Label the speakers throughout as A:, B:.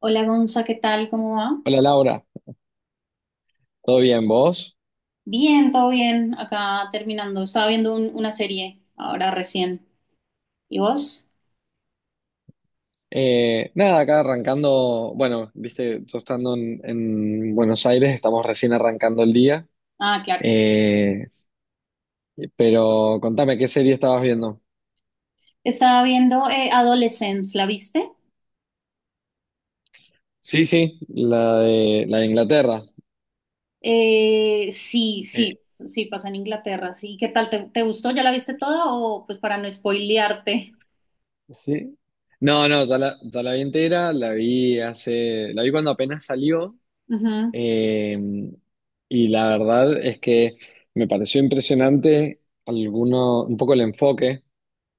A: Hola Gonza, ¿qué tal? ¿Cómo va?
B: Hola Laura, ¿todo bien vos?
A: Bien, todo bien. Acá terminando. Estaba viendo una serie ahora recién. ¿Y vos?
B: Nada, acá arrancando, bueno, viste, yo estando en Buenos Aires, estamos recién arrancando el día.
A: Ah, claro.
B: Eh, pero contame, ¿qué serie estabas viendo?
A: Estaba viendo Adolescence, ¿la viste?
B: Sí, sí, la de Inglaterra.
A: Sí, sí,
B: Eh,
A: sí, pasa en Inglaterra. Sí, ¿qué tal? ¿Te gustó? ¿Ya la viste toda? O pues para no spoilearte.
B: ¿Sí? No, no, ya la vi entera, la vi cuando apenas salió.
A: Ujú.
B: Eh, y la verdad es que me pareció impresionante alguno, un poco el enfoque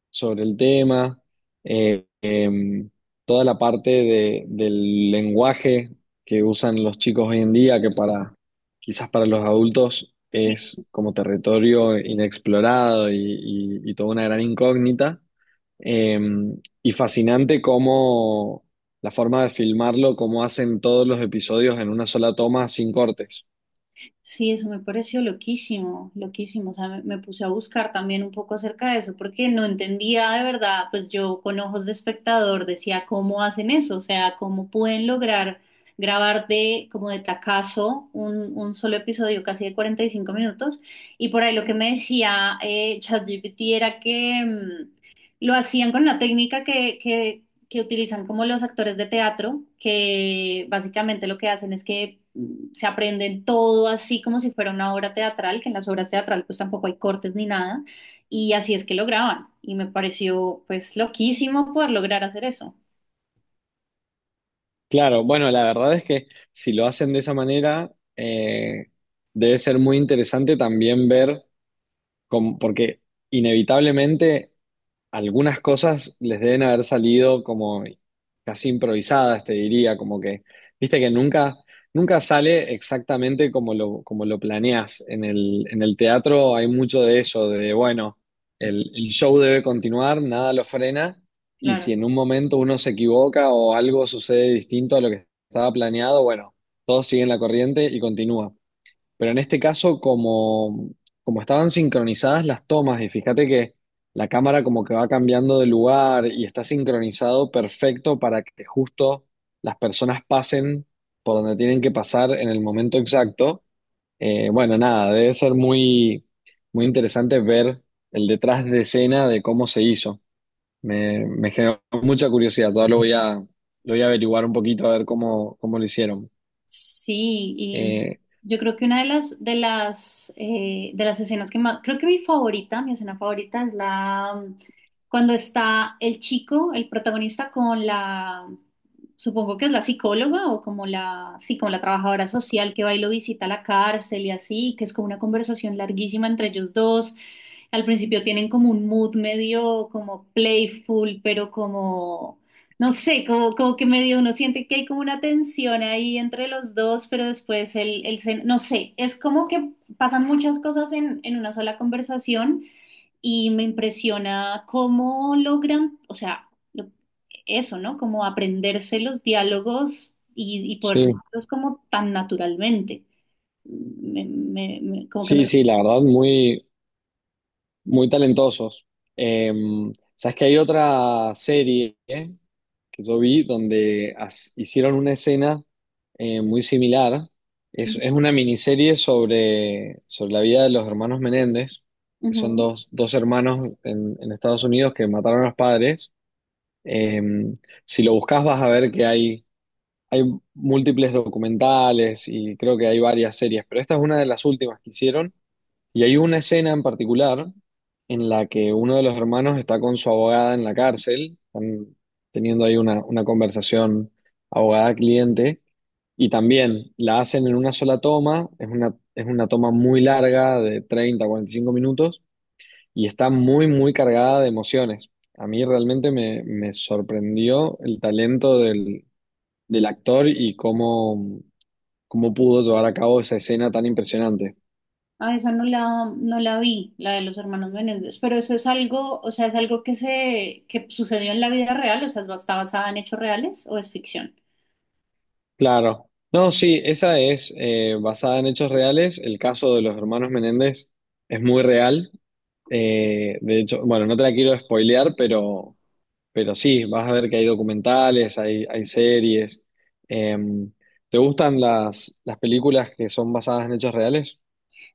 B: sobre el tema. eh, em, Toda la parte del lenguaje que usan los chicos hoy en día, que para quizás para los adultos
A: Sí.
B: es como territorio inexplorado y, y toda una gran incógnita. Y fascinante cómo la forma de filmarlo, cómo hacen todos los episodios en una sola toma sin cortes.
A: Sí, eso me pareció loquísimo, loquísimo. O sea, me puse a buscar también un poco acerca de eso, porque no entendía de verdad, pues yo con ojos de espectador decía, ¿cómo hacen eso? O sea, ¿cómo pueden lograr grabar de como de tacazo un solo episodio casi de 45 minutos? Y por ahí lo que me decía ChatGPT era que lo hacían con la técnica que utilizan como los actores de teatro, que básicamente lo que hacen es que se aprenden todo así como si fuera una obra teatral, que en las obras teatral pues tampoco hay cortes ni nada, y así es que lo graban, y me pareció pues loquísimo poder lograr hacer eso.
B: Claro, bueno, la verdad es que si lo hacen de esa manera, debe ser muy interesante también ver porque inevitablemente algunas cosas les deben haber salido como casi improvisadas, te diría, como que viste que nunca, nunca sale exactamente como como lo planeas. En el teatro hay mucho de eso. De, bueno, el show debe continuar, nada lo frena, y
A: Claro.
B: si en un momento uno se equivoca o algo sucede distinto a lo que estaba planeado, bueno, todos siguen la corriente y continúa. Pero en este caso, como, como estaban sincronizadas las tomas, y fíjate que la cámara como que va cambiando de lugar y está sincronizado perfecto para que justo las personas pasen por donde tienen que pasar en el momento exacto. Bueno, nada, debe ser muy, muy interesante ver el detrás de escena de cómo se hizo. Me generó mucha curiosidad, todavía lo voy a averiguar un poquito a ver cómo, cómo lo hicieron.
A: Sí, y
B: Eh,
A: yo creo que una de las escenas que más, creo que mi favorita, mi escena favorita es la cuando está el chico, el protagonista con la, supongo que es la psicóloga o como la, sí, como la trabajadora social que va y lo visita a la cárcel y así, que es como una conversación larguísima entre ellos dos. Al principio tienen como un mood medio como playful, pero como no sé, como que medio uno siente que hay como una tensión ahí entre los dos, pero después el no sé, es como que pasan muchas cosas en una sola conversación y me impresiona cómo logran, o sea, lo- eso, ¿no? Como aprenderse los diálogos y poder
B: sí.
A: decirlos como tan naturalmente. Como que me...
B: Sí, sí, la verdad, muy, muy talentosos. Eh, sabes que hay otra serie que yo vi donde hicieron una escena muy similar. Es una miniserie sobre, sobre la vida de los hermanos Menéndez, que son
A: Ujú.
B: dos, dos hermanos en Estados Unidos que mataron a los padres. Eh, si lo buscas vas a ver que hay múltiples documentales y creo que hay varias series, pero esta es una de las últimas que hicieron, y hay una escena en particular en la que uno de los hermanos está con su abogada en la cárcel. Están teniendo ahí una conversación abogada-cliente, y también la hacen en una sola toma. Es una, es una toma muy larga de 30 o 40 minutos, y está muy, muy cargada de emociones. A mí realmente me, me sorprendió el talento del, del actor y cómo, cómo pudo llevar a cabo esa escena tan impresionante.
A: Ah, esa no la, no la vi, la de los hermanos Menéndez, pero eso es algo, o sea, es algo que sucedió en la vida real, o sea, ¿está basada en hechos reales o es ficción?
B: Claro. No, sí, esa es basada en hechos reales. El caso de los hermanos Menéndez es muy real. De hecho, bueno, no te la quiero spoilear, pero sí, vas a ver que hay documentales, hay series. Eh, ¿Te gustan las películas que son basadas en hechos reales?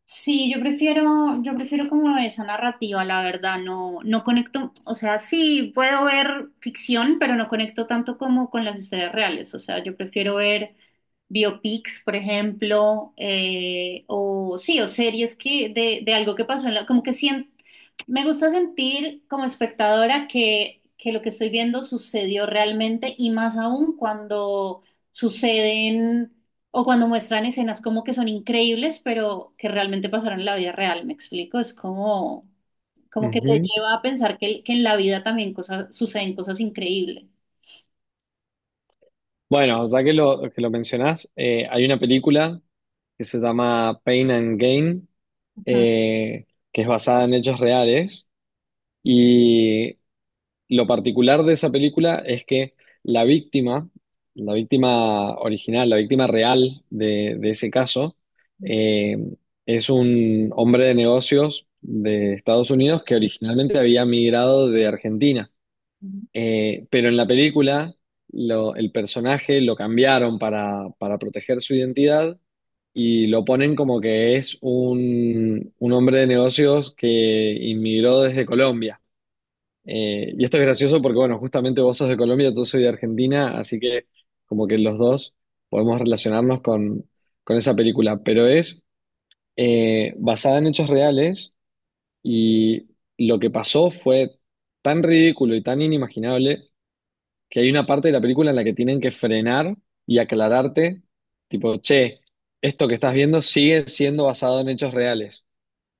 A: Sí, yo prefiero como esa narrativa, la verdad, no, no conecto, o sea, sí, puedo ver ficción, pero no conecto tanto como con las historias reales, o sea, yo prefiero ver biopics, por ejemplo, o sí, o series que de algo que pasó en la, como que siento, me gusta sentir como espectadora que lo que estoy viendo sucedió realmente y más aún cuando suceden o cuando muestran escenas como que son increíbles, pero que realmente pasaron en la vida real, ¿me explico? Es como que te
B: Ujú.
A: lleva a pensar que en la vida también cosas, suceden cosas increíbles.
B: Bueno, ya que que lo mencionás, hay una película que se llama Pain and Gain,
A: Ujú.
B: eh, que es basada en hechos reales. Y lo particular de esa película es que la víctima, la víctima original, la víctima real de ese caso, eh, es un hombre de negocios de Estados Unidos que originalmente había migrado de Argentina.
A: Ujú.
B: Pero en la película el personaje lo cambiaron para proteger su identidad y lo ponen como que es un hombre de negocios que inmigró desde Colombia. Y esto es gracioso porque, bueno, justamente vos sos de Colombia, yo soy de Argentina, así que como que los dos podemos relacionarnos con esa película, pero es basada en hechos reales, y lo que pasó fue tan ridículo y tan inimaginable que hay una parte de la película en la que tienen que frenar y aclararte, tipo, che, esto que estás viendo sigue siendo basado en hechos reales,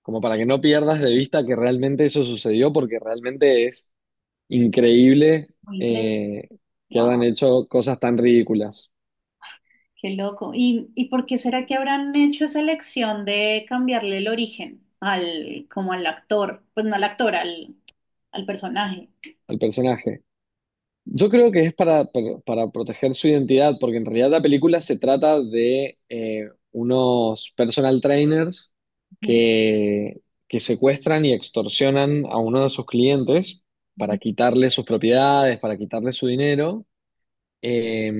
B: como para que no pierdas de vista que realmente eso sucedió, porque realmente es increíble
A: Muy increíble.
B: eh, que
A: Wow,
B: hayan hecho cosas tan ridículas
A: qué loco. ¿Y por qué será que habrán hecho esa elección de cambiarle el origen al, como al actor? Pues no al actor, al personaje.
B: al personaje. Yo creo que es para proteger su identidad, porque en realidad la película se trata de unos personal trainers
A: Ujú,
B: que, que secuestran y extorsionan a uno de sus clientes para
A: ujú.
B: quitarle sus propiedades, para quitarle su dinero. Eh,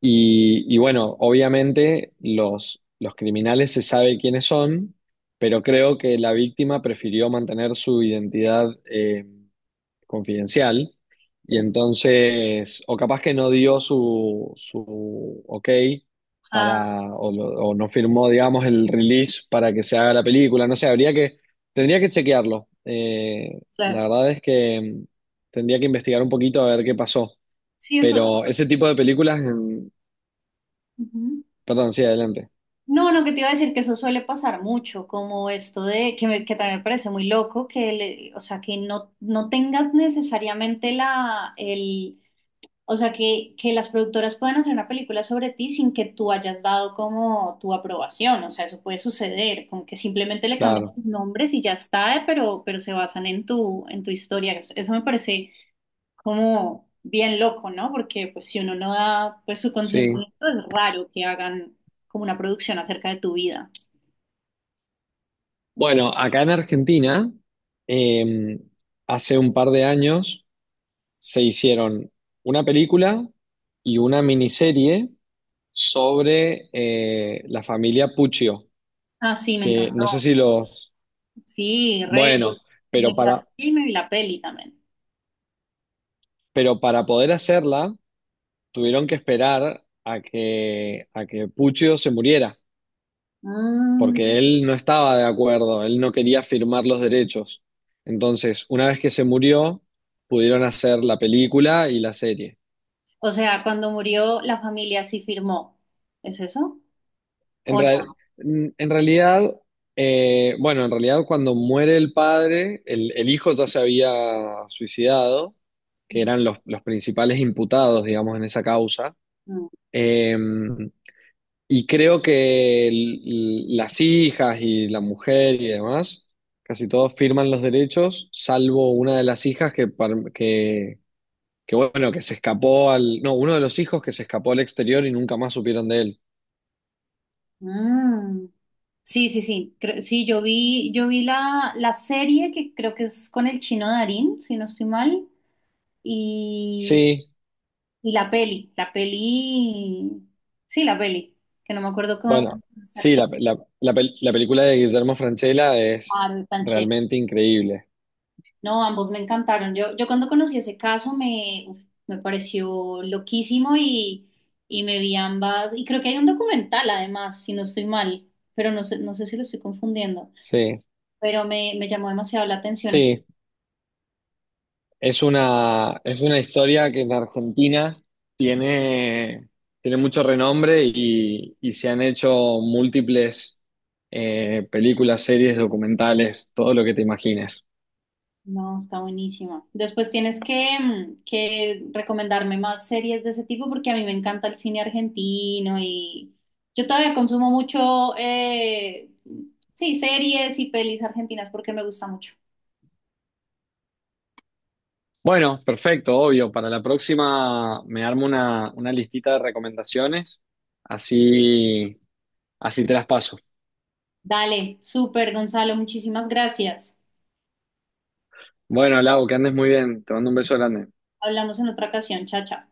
B: y, bueno, obviamente los criminales se sabe quiénes son, pero creo que la víctima prefirió mantener su identidad confidencial, y entonces, o capaz que no dio su, su ok
A: Ah,
B: para, o, o no firmó, digamos, el release para que se haga la película, no sé, habría que, tendría que chequearlo. La
A: claro.
B: verdad es que tendría que investigar un poquito a ver qué pasó.
A: Sí, eso es.
B: Pero ese tipo de películas... Perdón, sí, adelante.
A: No, lo que te iba a decir que eso suele pasar mucho, como esto de que, que también me parece muy loco, que o sea, que no, no tengas necesariamente la, el, o sea, que las productoras puedan hacer una película sobre ti sin que tú hayas dado como tu aprobación, o sea, eso puede suceder, como que simplemente le cambian
B: Claro,
A: tus nombres y ya está, pero se basan en tu, historia. Eso me parece como bien loco, ¿no? Porque pues si uno no da pues su
B: sí.
A: consentimiento es raro que hagan como una producción acerca de tu vida.
B: Bueno, acá en Argentina, eh, hace un par de años se hicieron una película y una miniserie sobre la familia Puccio,
A: Ah, sí, me
B: que
A: encantó.
B: no sé si los...
A: Sí, re, yo
B: Bueno,
A: me
B: pero
A: vi la,
B: para,
A: sí, me vi la peli también.
B: pero para poder hacerla tuvieron que esperar a que Puccio se muriera,
A: Mm,
B: porque él no estaba de acuerdo, él no quería firmar los derechos. Entonces, una vez que se murió, pudieron hacer la película y la serie.
A: O sea, cuando murió la familia sí firmó. ¿Es eso?
B: En,
A: ¿O no?
B: rea- en realidad, bueno, en realidad cuando muere el padre, el hijo ya se había suicidado, que eran los principales imputados, digamos, en esa causa.
A: Mm.
B: Eh, Y creo que las hijas y la mujer y demás, casi todos firman los derechos, salvo una de las hijas que, bueno, que se escapó al, no, uno de los hijos que se escapó al exterior y nunca más supieron de él.
A: Mm. Sí, sí, sí. Sí, yo vi la serie que creo que es con el chino Darín, si no estoy mal. y
B: Sí,
A: Y la peli, sí, la peli, que no me acuerdo cómo
B: bueno, sí,
A: exacto,
B: la película de Guillermo Francella es
A: Harold Panchero.
B: realmente increíble.
A: No, ambos me encantaron. Yo cuando conocí ese caso uf, me pareció loquísimo y me vi ambas. Y creo que hay un documental además, si no estoy mal, pero no sé, no sé si lo estoy confundiendo.
B: Sí,
A: Pero me llamó demasiado la atención.
B: sí. Es una historia que en Argentina tiene, tiene mucho renombre, y se han hecho múltiples películas, series, documentales, todo lo que te imagines.
A: No, está buenísima. Después tienes que recomendarme más series de ese tipo porque a mí me encanta el cine argentino y yo todavía consumo mucho, sí, series y pelis argentinas porque me gusta mucho.
B: Bueno, perfecto, obvio. Para la próxima me armo una listita de recomendaciones, así, así te las paso.
A: Dale, súper, Gonzalo, muchísimas gracias.
B: Bueno, Lau, que andes muy bien. Te mando un beso grande.
A: Hablamos en otra ocasión, chacha.